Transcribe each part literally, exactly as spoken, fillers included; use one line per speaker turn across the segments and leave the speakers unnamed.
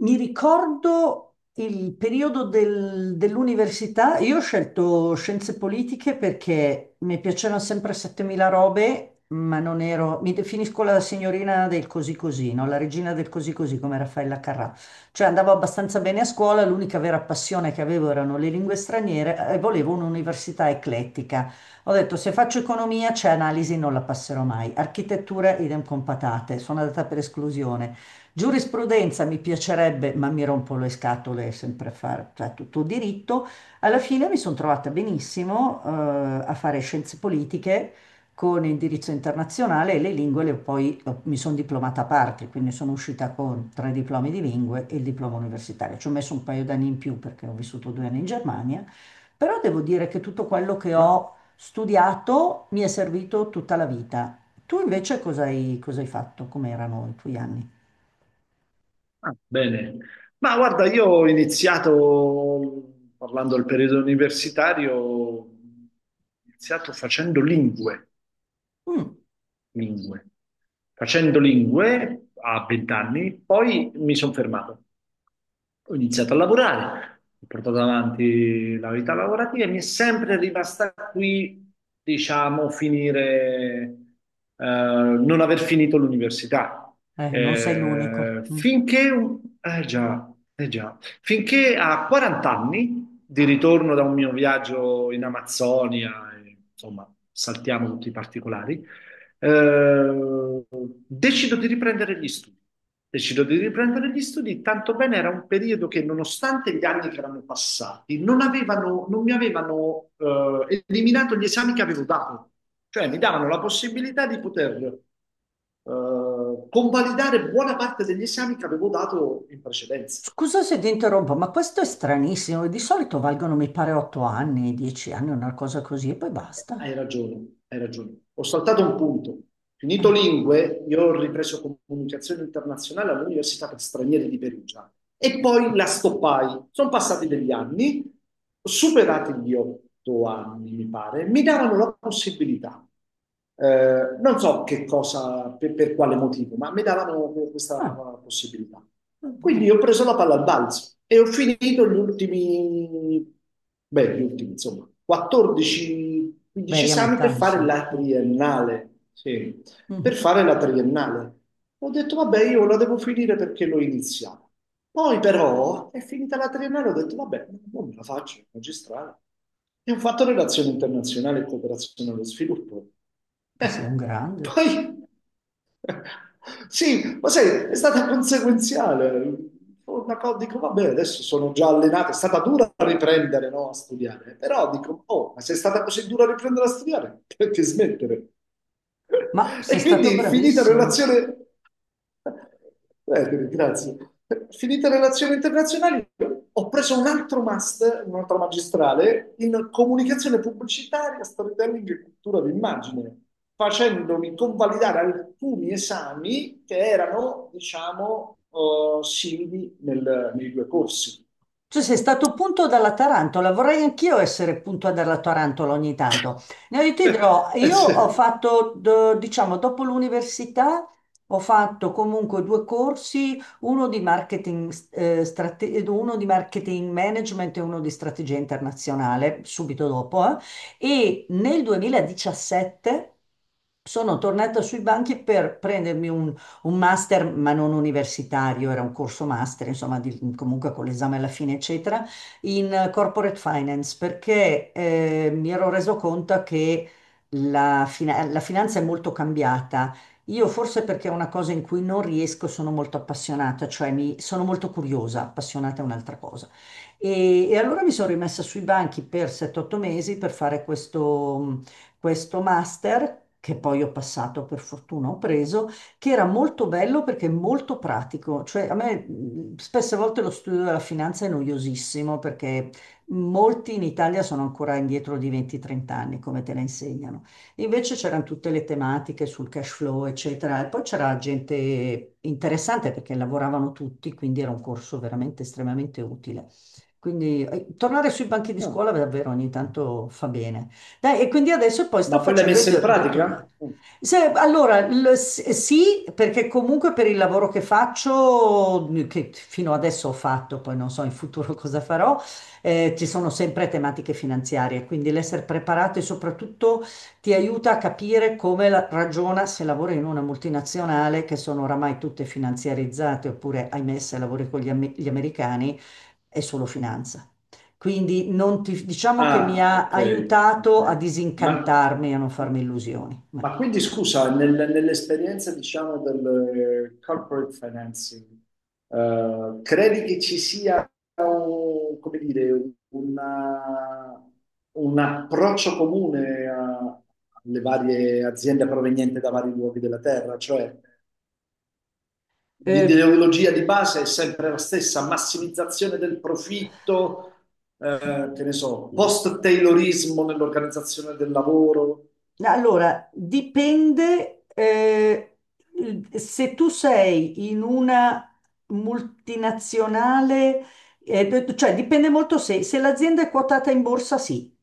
Mi ricordo il periodo del- dell'università, io ho scelto scienze politiche perché mi piacevano sempre settemila robe, ma non ero, mi definisco la signorina del così così, no? La regina del così così come Raffaella Carrà. Cioè andavo abbastanza bene a scuola, l'unica vera passione che avevo erano le lingue straniere eh, e volevo un'università eclettica. Ho detto se faccio economia c'è analisi, non la passerò mai. Architettura idem con patate, sono andata per esclusione. Giurisprudenza mi piacerebbe, ma mi rompo le scatole sempre a fare cioè, tutto diritto. Alla fine mi sono trovata benissimo, eh, a fare scienze politiche con indirizzo internazionale e le lingue le ho poi ho- mi sono diplomata a parte, quindi sono uscita con tre diplomi di lingue e il diploma universitario. Ci ho messo un paio d'anni in più perché ho vissuto due anni in Germania, però devo dire che tutto quello che
Ma,
ho studiato mi è servito tutta la vita. Tu invece cosa hai, cosa hai fatto? Come erano i tuoi anni?
ah, bene. Ma guarda, io ho iniziato, parlando del periodo universitario, ho iniziato facendo lingue,
Mm.
lingue. Facendo lingue a vent'anni, poi mi sono fermato. Ho iniziato a lavorare, ho portato avanti la vita lavorativa e mi è sempre rimasta qui, diciamo, finire, eh, non aver finito l'università.
Eh, non sei l'unico.
Eh,
Mm.
finché, un- eh già, eh già, finché a quaranta anni, di ritorno da un mio viaggio in Amazzonia, e, insomma, saltiamo tutti i particolari, eh, decido di riprendere gli studi. Decido di riprendere gli studi, tanto bene era un periodo che, nonostante gli anni che erano passati, non avevano- non mi avevano eh, eliminato gli esami che avevo dato. Cioè, mi davano la possibilità di poter eh, convalidare buona parte degli esami che avevo dato in precedenza.
Scusa se ti interrompo, ma questo è stranissimo. Di solito valgono, mi pare, otto anni, dieci anni, una cosa così, e poi basta.
Hai ragione, hai ragione. Ho saltato un punto. Finito
Eh,
lingue, io ho ripreso comunicazione internazionale all'Università per Stranieri di Perugia e poi la stoppai. Sono passati degli anni, ho superati gli otto anni, mi pare, mi davano la possibilità. Eh, non so che cosa, per, per quale motivo, ma mi davano questa
ah,
possibilità.
va
Quindi
bene.
io ho preso la palla al balzo e ho finito gli ultimi, beh, gli ultimi, insomma, quattordici quindici
Beh, a
esami per
metà,
fare
insomma.
la
Mm.
triennale. Sì, per
Mhm.
fare la triennale. Ho detto, vabbè, io la devo finire perché l'ho iniziata. Poi però è finita la triennale, ho detto, vabbè, non me la faccio, magistrale. E ho fatto relazioni internazionali e cooperazione allo sviluppo.
Beh,
Eh,
sei un grande.
poi sì, ma sai, è stata conseguenziale. Una cosa, dico, vabbè, adesso sono già allenato, è stata dura a riprendere, no, a studiare, però dico, oh, ma se è stata così dura a riprendere a studiare, perché smettere?
Ma sei
E
stato
quindi finita
bravissimo.
relazione, eh, grazie, finita relazioni internazionali, ho preso un altro master, un'altra magistrale in comunicazione pubblicitaria, storytelling e cultura d'immagine facendomi convalidare alcuni esami che erano, diciamo, eh, simili nel- nei due corsi.
Tu sei stato punto dalla tarantola, vorrei anch'io essere punto dalla tarantola ogni tanto. No, io ti dirò,
Eh,
io ho
sì.
fatto, do- diciamo, dopo l'università, ho fatto comunque due corsi, uno di marketing, eh, strate- uno di marketing management e uno di strategia internazionale, subito dopo, eh. E nel duemiladiciassette sono tornata sui banchi per prendermi un master, ma non universitario, era un corso master, insomma, di- comunque con l'esame alla fine, eccetera, in eh, corporate finance, perché eh, mi ero reso conto che la fina- la finanza è molto cambiata. Io forse perché è una cosa in cui non riesco, sono molto appassionata, cioè mi, sono molto curiosa, appassionata è un'altra cosa. E, e allora mi sono rimessa sui banchi per sette o otto mesi per fare questo, questo master, che poi ho passato, per fortuna ho preso, che era molto bello perché molto pratico. Cioè, a me mh, spesse volte lo studio della finanza è noiosissimo perché molti in Italia sono ancora indietro di venti trenta anni, come te la insegnano. Invece c'erano tutte le tematiche sul cash flow, eccetera. E poi c'era gente interessante perché lavoravano tutti, quindi era un corso veramente estremamente utile. Quindi eh, tornare sui banchi di
Ah,
scuola davvero ogni tanto fa bene. Dai, e quindi adesso poi sta
ma poi l'hai
facendo il,
messa in
do- il dottorato.
pratica? Mm.
Se- allora, l- s- sì, perché comunque per il lavoro che faccio, che fino adesso ho fatto, poi non so in futuro cosa farò, eh, ci sono sempre tematiche finanziarie, quindi l'essere preparati soprattutto ti aiuta a capire come la- ragiona se lavori in una multinazionale che sono oramai tutte finanziarizzate, oppure, ahimè, se lavori con gli am- gli americani è solo finanza. Quindi non ti- diciamo che mi
Ah,
ha
ok, ok.
aiutato a
Ma,
disincantarmi e a non farmi illusioni.
ma
Ecco.
quindi scusa, nel- nell'esperienza diciamo del eh, corporate financing, eh, credi che ci sia, un- come dire, una- un approccio comune a- alle varie aziende provenienti da vari luoghi della terra? Cioè,
Eh,
l'ideologia di base è sempre la stessa, massimizzazione del profitto, eh, che ne so, post-taylorismo nell'organizzazione del lavoro.
allora, dipende eh, il- se tu sei in una multinazionale, eh, d- cioè dipende molto se, se l'azienda è quotata in borsa, sì.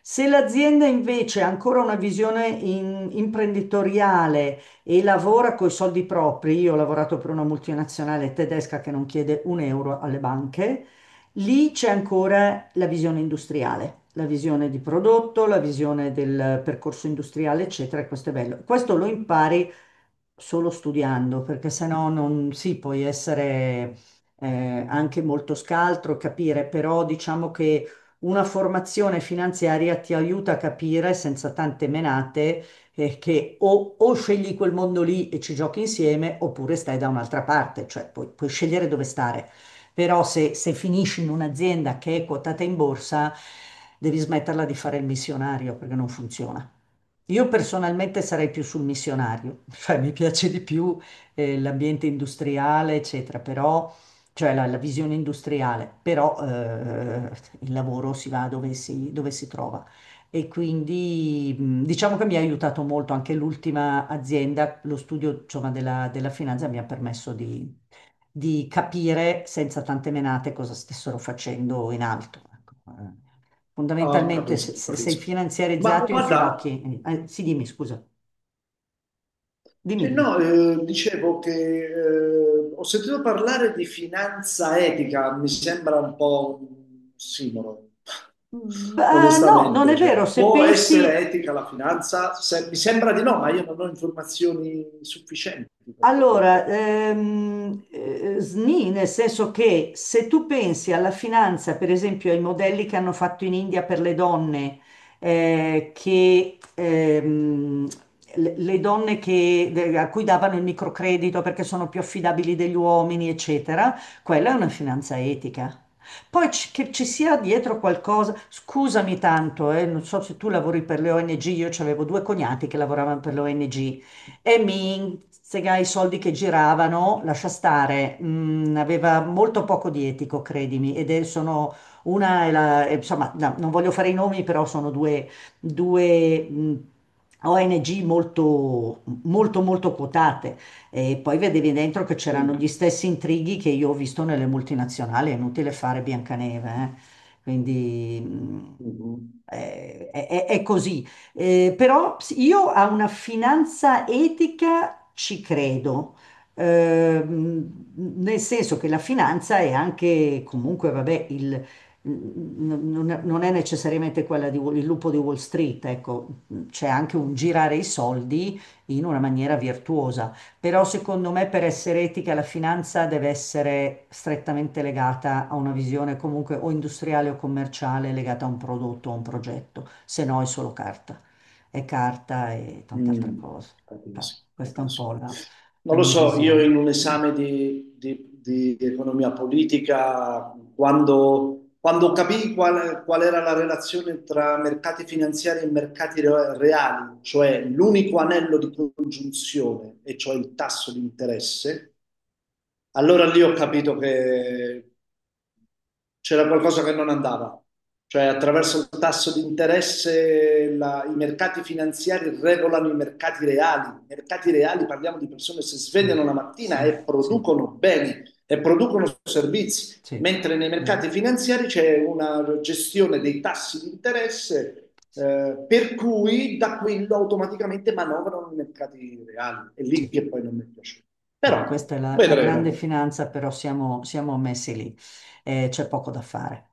Se l'azienda invece ha ancora una visione in- imprenditoriale e lavora con i soldi propri, io ho lavorato per una multinazionale tedesca che non chiede un euro alle banche, Lì c'è ancora la visione industriale, la visione di prodotto, la visione del percorso industriale, eccetera, e questo è bello. Questo lo impari solo studiando, perché sennò non si puoi essere eh, anche molto scaltro, capire, però diciamo che una formazione finanziaria ti aiuta a capire senza tante menate eh, che o, o scegli quel mondo lì e ci giochi insieme, oppure stai da un'altra parte, cioè puoi, puoi scegliere dove stare però se, se finisci in un'azienda che è quotata in borsa, devi smetterla di fare il missionario perché non funziona. Io personalmente sarei più sul missionario, cioè mi piace di più eh, l'ambiente industriale, eccetera, però, cioè la, la visione industriale, però eh, il lavoro si va dove si, dove si trova. E quindi mh, diciamo che mi ha aiutato molto anche l'ultima azienda, lo studio, insomma, della, della finanza mi ha permesso di, di capire senza tante menate cosa stessero facendo in alto. ecco. Eh,
Ah,
Fondamentalmente, se,
capisco,
se sei
capisco. Ma
finanziarizzato in
guarda,
finocchi, eh, eh, sì, dimmi, scusa, dimmi,
cioè,
dimmi.
no, eh, dicevo che eh, ho sentito parlare di finanza etica, mi sembra un po' un simolo,
Beh, no, non
onestamente.
è
Cioè,
vero, se
può essere
pensi
etica la finanza? Se- mi sembra di no, ma io non ho informazioni sufficienti per poter...
Allora, ehm, eh, S N I, nel senso che se tu pensi alla finanza, per esempio ai modelli che hanno fatto in India per le donne, eh, che, ehm, le le donne che- de- a cui davano il microcredito perché sono più affidabili degli uomini, eccetera, quella è una finanza etica. Poi ci- che ci sia dietro qualcosa, scusami tanto, eh, non so se tu lavori per le O N G, io avevo due cognati che lavoravano per le O N G e mi sega i soldi che giravano, lascia stare, mm, aveva molto poco di etico, credimi, ed è, sono una, è la- è- insomma, no, non voglio fare i nomi, però sono due, due, mm, O N G molto, molto, molto quotate. E poi vedevi dentro che
Sì.
c'erano gli stessi intrighi che io ho visto nelle multinazionali, è inutile fare Biancaneve, eh. Quindi... mm,
Mhm.
eh, è, è- è così, eh, però s- io a una finanza etica ci credo, Ehm, nel senso che la finanza è anche comunque, vabbè, il, n- non non è necessariamente quella di, Wall- il lupo di Wall Street, ecco, c'è anche un girare i soldi in una maniera virtuosa, però secondo me per essere etica la finanza deve essere strettamente legata a una visione comunque o industriale o commerciale legata a un prodotto o a un progetto, se no è solo carta e carta e tante altre
Mm.
cose. Cioè,
Capisco,
questa è un po'
capisco.
la, la
Non lo
mia
so, io in
visione.
un
Mm,
esame di, di- di economia politica, quando, quando capii qual, qual era la relazione tra mercati finanziari e mercati re- reali, cioè l'unico anello di congiunzione, e cioè il tasso di interesse, allora lì ho capito che c'era qualcosa che non andava, cioè attraverso il tasso di interesse la- i mercati finanziari regolano i mercati reali. I mercati reali parliamo di persone che si
Sì,
svegliano la mattina
sì,
e
sì,
producono beni e producono servizi,
sì,
mentre nei
vero.
mercati finanziari c'è una gestione dei tassi di interesse.
Sì.
Eh, per cui da quello automaticamente manovrano i mercati reali. È lì
sì.
che poi non mi piace.
Vabbè,
Però
questa è la, la grande
vedremo.
finanza, però siamo, siamo messi lì e c'è poco da fare.